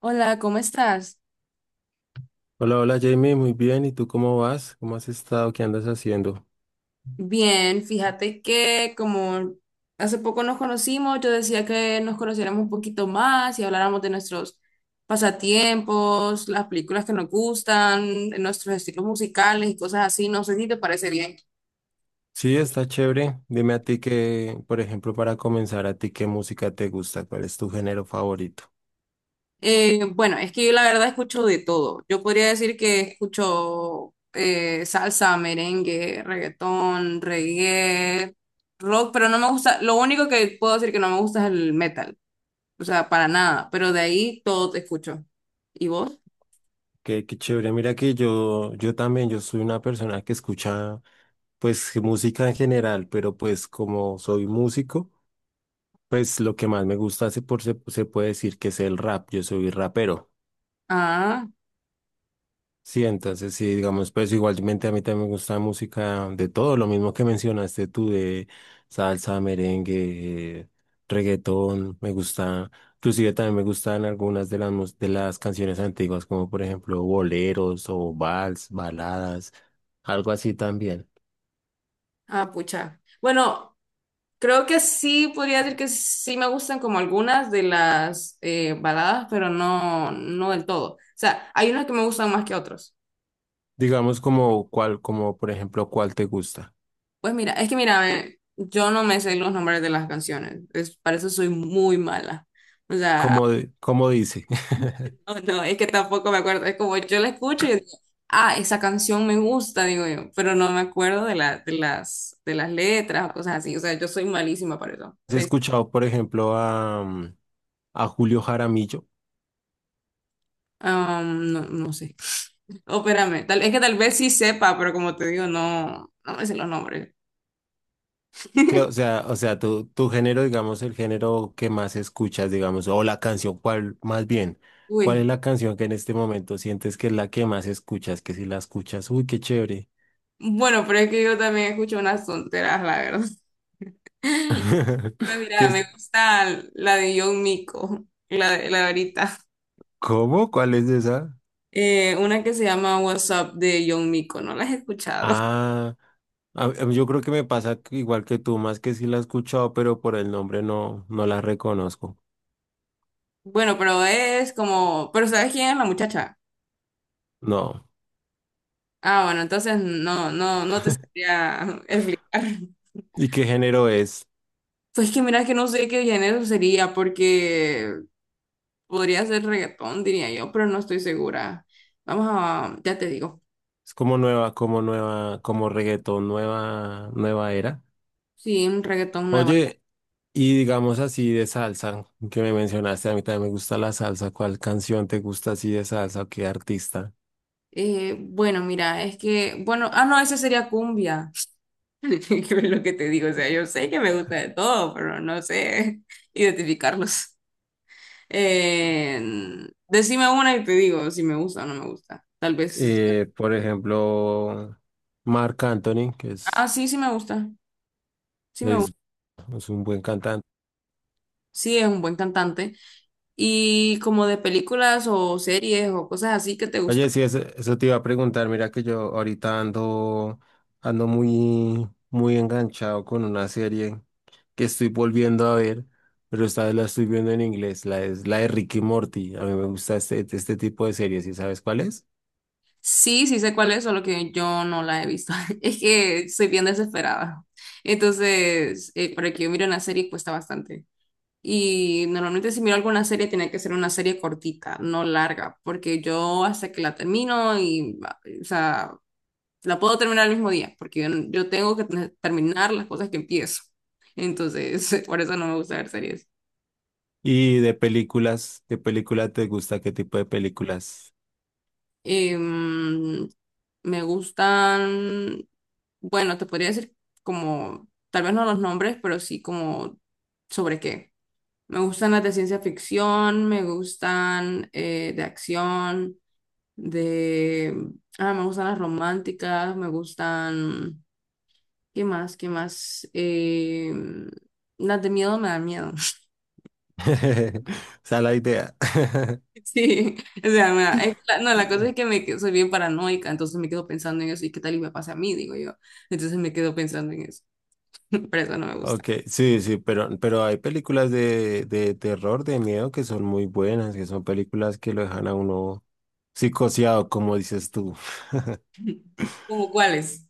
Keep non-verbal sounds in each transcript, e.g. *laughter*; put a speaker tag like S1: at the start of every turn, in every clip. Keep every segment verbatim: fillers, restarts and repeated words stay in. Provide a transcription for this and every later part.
S1: Hola, ¿cómo estás?
S2: Hola, hola Jamie, muy bien. ¿Y tú cómo vas? ¿Cómo has estado? ¿Qué andas haciendo?
S1: Bien, fíjate que como hace poco nos conocimos, yo decía que nos conociéramos un poquito más y habláramos de nuestros pasatiempos, las películas que nos gustan, de nuestros estilos musicales y cosas así. No sé si te parece bien.
S2: Sí, está chévere. Dime a ti que, por ejemplo, para comenzar, a ti qué música te gusta, cuál es tu género favorito.
S1: Eh, bueno, es que yo la verdad escucho de todo. Yo podría decir que escucho eh, salsa, merengue, reggaetón, reggae, rock, pero no me gusta, lo único que puedo decir que no me gusta es el metal. O sea, para nada, pero de ahí todo te escucho. ¿Y vos?
S2: Qué, qué chévere. Mira que yo, yo también, yo soy una persona que escucha, pues, música en general, pero pues como soy músico, pues lo que más me gusta se, por, se, se puede decir que es el rap. Yo soy rapero.
S1: Ah,
S2: Sí, entonces sí, digamos, pues igualmente a mí también me gusta música de todo, lo mismo que mencionaste tú de salsa, merengue, reggaetón, me gusta, inclusive también me gustan algunas de las mus- de las canciones antiguas, como por ejemplo boleros o vals, baladas, algo así también.
S1: ah, Pucha. Bueno, creo que sí, podría decir que sí me gustan como algunas de las eh, baladas, pero no, no del todo. O sea, hay unas que me gustan más que otras.
S2: Digamos como cuál, como por ejemplo, cuál te gusta.
S1: Pues mira, es que mira, a ver, yo no me sé los nombres de las canciones. Es, para eso soy muy mala. O sea,
S2: Como, de- como dice, *laughs*
S1: *laughs* No, no, es que tampoco me acuerdo. Es como yo la escucho y yo digo, ah, esa canción me gusta, digo yo, pero no me acuerdo de la, de las, de las letras o cosas así. O sea, yo soy malísima para eso.
S2: ¿has
S1: Entonces,
S2: escuchado por ejemplo a, mm, a Julio Jaramillo?
S1: am, no, no sé. Oh, espérame, tal, es que tal vez sí sepa, pero como te digo, no, no me sé los nombres.
S2: Sí, o sea, o sea, tu, tu género, digamos, el género que más escuchas, digamos, o la canción, cuál, más bien, ¿cuál es
S1: Uy,
S2: la canción que en este momento sientes que es la que más escuchas? Que si la escuchas, uy, qué chévere.
S1: bueno, pero es que yo también escucho unas tonteras, la verdad. *laughs*
S2: *laughs*
S1: Pues
S2: ¿Qué
S1: mira,
S2: es?
S1: me gusta la de John Mico, la de, la de ahorita.
S2: ¿Cómo? ¿Cuál es esa?
S1: Eh, una que se llama What's Up de John Mico, ¿no la has escuchado?
S2: Ah, a- a- yo creo que me pasa que igual que tú, más que sí la he escuchado, pero por el nombre no, no la reconozco.
S1: Bueno, pero es como, pero ¿sabes quién es la muchacha?
S2: No.
S1: Ah, bueno, entonces no, no, no te sabría *laughs* explicar.
S2: ¿Y qué género es?
S1: Pues que mira que no sé qué género sería, porque podría ser reggaetón, diría yo, pero no estoy segura. Vamos a, ya te digo.
S2: Es como nueva, como nueva, como reggaetón, nueva, nueva era.
S1: Sí, un reggaetón nueva.
S2: Oye, y digamos así de salsa, que me mencionaste, a mí también me gusta la salsa. ¿Cuál canción te gusta así de salsa o qué artista?
S1: Eh, bueno, mira, es que, bueno, ah, no, ese sería cumbia. *laughs* Es lo que te digo, o sea, yo sé que me gusta de todo, pero no sé *laughs* identificarlos. Eh, Decime una y te digo si me gusta o no me gusta. Tal vez.
S2: Eh, por ejemplo, Marc Anthony, que
S1: Ah,
S2: es,
S1: sí, sí me gusta. Sí me
S2: es,
S1: gusta.
S2: es un buen cantante.
S1: Sí, es un buen cantante. ¿Y como de películas o series o cosas así que te
S2: Oye,
S1: gustan?
S2: sí, eso, eso te iba a preguntar. Mira que yo ahorita ando, ando muy, muy enganchado con una serie que estoy volviendo a ver, pero esta vez la estoy viendo en inglés. La, es la de Ricky Morty. A mí me gusta este, este tipo de series, ¿y sabes cuál es?
S1: Sí, sí sé cuál es, solo que yo no la he visto. *laughs* Es que soy bien desesperada. Entonces, eh, para que yo mire una serie cuesta bastante. Y normalmente si miro alguna serie tiene que ser una serie cortita, no larga, porque yo hasta que la termino y, o sea, la puedo terminar el mismo día, porque yo, yo tengo que tener- terminar las cosas que empiezo. Entonces, *laughs* por eso no me gusta ver series.
S2: Y de películas, ¿de película te gusta? ¿Qué tipo de películas?
S1: Em, Me gustan, bueno, te podría decir como, tal vez no los nombres, pero sí como sobre qué. Me gustan las de ciencia ficción, me gustan eh, de acción, de... Ah, me gustan las románticas, me gustan... ¿Qué más? ¿Qué más? Em, las de miedo me dan miedo.
S2: *laughs* O sea, la idea. *laughs*
S1: Sí, *laughs* o sea, mira, es que la- no, la cosa es que me, que- soy bien paranoica, entonces me quedo pensando en eso y qué tal y me pasa a mí, digo yo. Entonces me quedo pensando en eso, *laughs* pero eso no me gusta.
S2: Ok, sí, sí, pero, pero hay películas de, de terror, de miedo, que son muy buenas, que son películas que lo dejan a uno psicoseado, como dices tú. *laughs*
S1: ¿Cómo cuáles?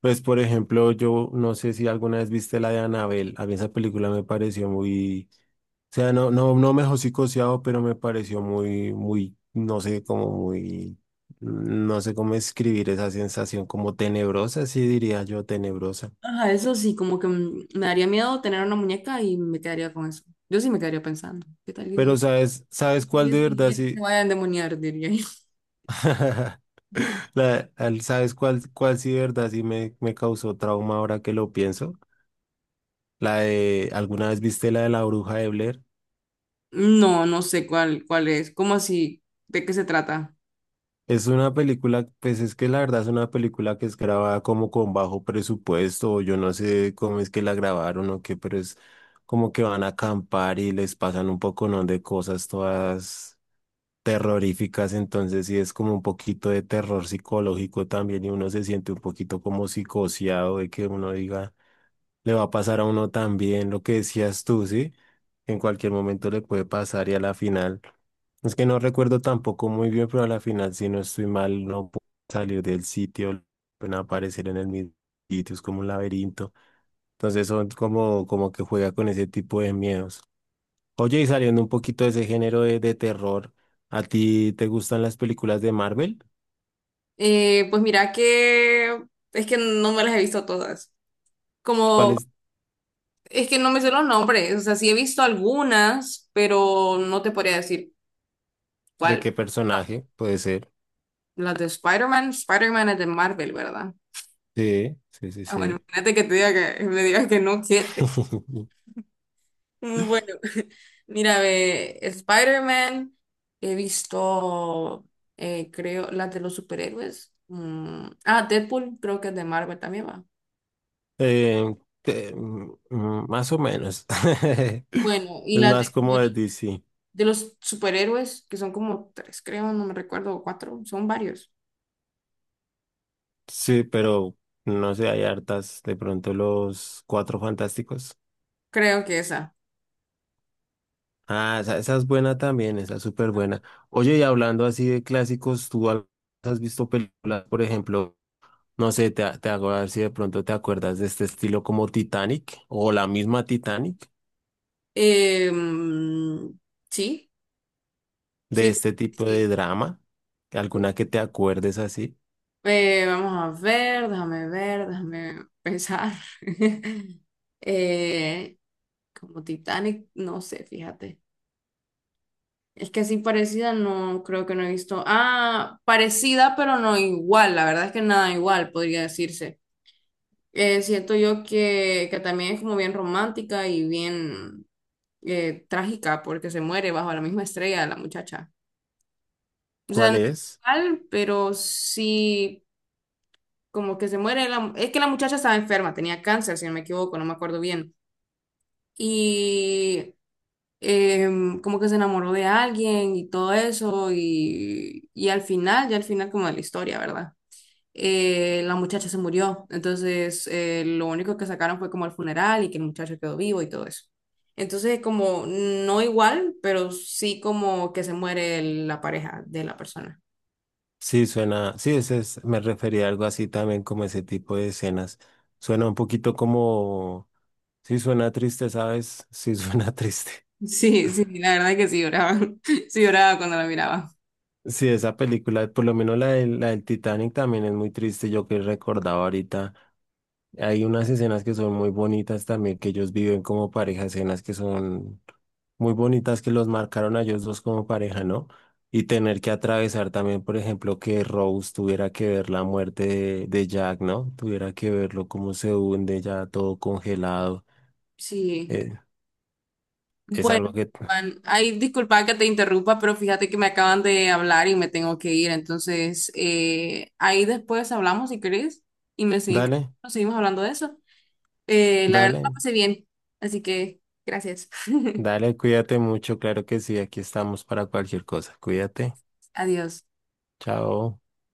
S2: Pues, por ejemplo, yo no sé si alguna vez viste la de Anabel. A mí esa película me pareció muy... O sea, no, no, no me dejó psicoseado, pero me pareció muy, muy, no sé, como muy, no sé cómo escribir esa sensación, como tenebrosa, sí diría yo, tenebrosa.
S1: Ajá, eso sí, como que mm, me daría miedo tener una muñeca y me quedaría con eso. Yo sí me quedaría pensando, ¿qué tal y qué
S2: Pero
S1: tal
S2: sabes, ¿sabes cuál
S1: y
S2: de
S1: esas
S2: verdad
S1: muñecas se
S2: sí?
S1: vayan a endemoniar?, diría yo. *laughs*
S2: *laughs* La, al- ¿sabes cuál, cuál sí de verdad sí me, me causó trauma ahora que lo pienso? La de, ¿alguna vez viste la de la bruja de Blair?
S1: No, no sé cuál, cuál es, ¿cómo así? ¿De qué se trata?
S2: Es una película, pues es que la verdad es una película que es grabada como con bajo presupuesto, o yo no sé cómo es que la grabaron o qué, pero es como que van a acampar y les pasan un poconón de cosas todas terroríficas, entonces sí es como un poquito de terror psicológico también y uno se siente un poquito como psicoseado de que uno diga, le va a pasar a uno también lo que decías tú, ¿sí? En cualquier momento le puede pasar y a la final. Es que no recuerdo tampoco muy bien, pero a la final, si no estoy mal, no puedo salir del sitio, no pueden aparecer en el mismo sitio, es como un laberinto. Entonces son como, como que juega con ese tipo de miedos. Oye, y saliendo un poquito de ese género de, de terror, ¿a ti te gustan las películas de Marvel?
S1: Eh, pues mira que es que no me las he visto todas.
S2: ¿Cuál
S1: Como,
S2: es,
S1: es que no me sé los nombres, o sea, sí he visto algunas, pero no te podría decir
S2: de
S1: cuál.
S2: qué
S1: No.
S2: personaje puede ser?
S1: Las de Spider-Man, Spider-Man es de Marvel, ¿verdad? *laughs*
S2: Sí, sí, sí,
S1: Ah, bueno,
S2: sí.
S1: imagínate que te diga que me digas que no, siete.
S2: *laughs*
S1: Mm, bueno, *laughs* mira, ve, Spider-Man, he visto, eh, creo, las de los superhéroes. Mm, ah, Deadpool, creo que es de Marvel también va.
S2: Eh, te- mm, mm, más o menos. *laughs*
S1: Bueno, y
S2: Es
S1: las
S2: más
S1: de,
S2: como de D C.
S1: de los superhéroes, que son como tres, creo, no me recuerdo, o cuatro, son varios.
S2: Sí, pero no sé, hay hartas. De pronto los Cuatro Fantásticos.
S1: Creo que esa.
S2: Ah, esa, esa es buena también, esa es súper buena. Oye, y hablando así de clásicos, ¿tú al- ¿has visto películas, por ejemplo, no sé, te, te hago a ver si de pronto te acuerdas de este estilo como Titanic o la misma Titanic,
S1: Em, sí,
S2: de
S1: sí,
S2: este tipo de
S1: sí.
S2: drama? ¿Alguna que te acuerdes así?
S1: Eh, vamos a ver, déjame ver, déjame pensar. *laughs* Eh, Como Titanic, no sé, fíjate. Es que así parecida no creo que no he visto. Ah, parecida pero no igual, la verdad es que nada igual, podría decirse. Eh, siento yo que, que también es como bien romántica y bien eh, trágica porque se muere bajo la misma estrella la muchacha. O sea,
S2: ¿Cuál
S1: no
S2: es?
S1: igual, pero sí, como que se muere la... Es que la muchacha estaba enferma, tenía cáncer, si no me equivoco, no me acuerdo bien. Y em, como que se enamoró de alguien y todo eso, y, y al final, ya al final como de la historia, ¿verdad? Eh, la muchacha se murió, entonces eh, lo único que sacaron fue como el funeral y que el muchacho quedó vivo y todo eso. Entonces, como no igual, pero sí como que se muere la pareja de la persona.
S2: Sí, suena, sí, ese es, me refería a algo así también como ese tipo de escenas. Suena un poquito como... Sí suena triste, ¿sabes? Sí suena *laughs* triste.
S1: Sí, sí, la verdad que sí lloraba. *laughs* Sí lloraba cuando la miraba.
S2: Sí, esa película, por lo menos la del, la del Titanic también es muy triste, yo que recordaba ahorita. Hay unas escenas que son muy bonitas también, que ellos viven como pareja, escenas que son muy bonitas que los marcaron a ellos dos como pareja, ¿no? Y tener que atravesar también, por ejemplo, que Rose tuviera que ver la muerte de, de Jack, ¿no? Tuviera que verlo cómo se hunde ya todo congelado.
S1: Sí.
S2: Eh, es
S1: Bueno,
S2: algo que...
S1: Juan, ay, disculpa que te interrumpa, pero fíjate que me acaban de hablar y me tengo que ir. Entonces, eh, ahí después hablamos si querés y me seguimos,
S2: Dale,
S1: seguimos hablando de eso. Eh, la verdad la
S2: dale.
S1: pasé bien. Así que, gracias.
S2: Dale, cuídate mucho, claro que sí, aquí estamos para cualquier cosa. Cuídate.
S1: *laughs* Adiós.
S2: Chao.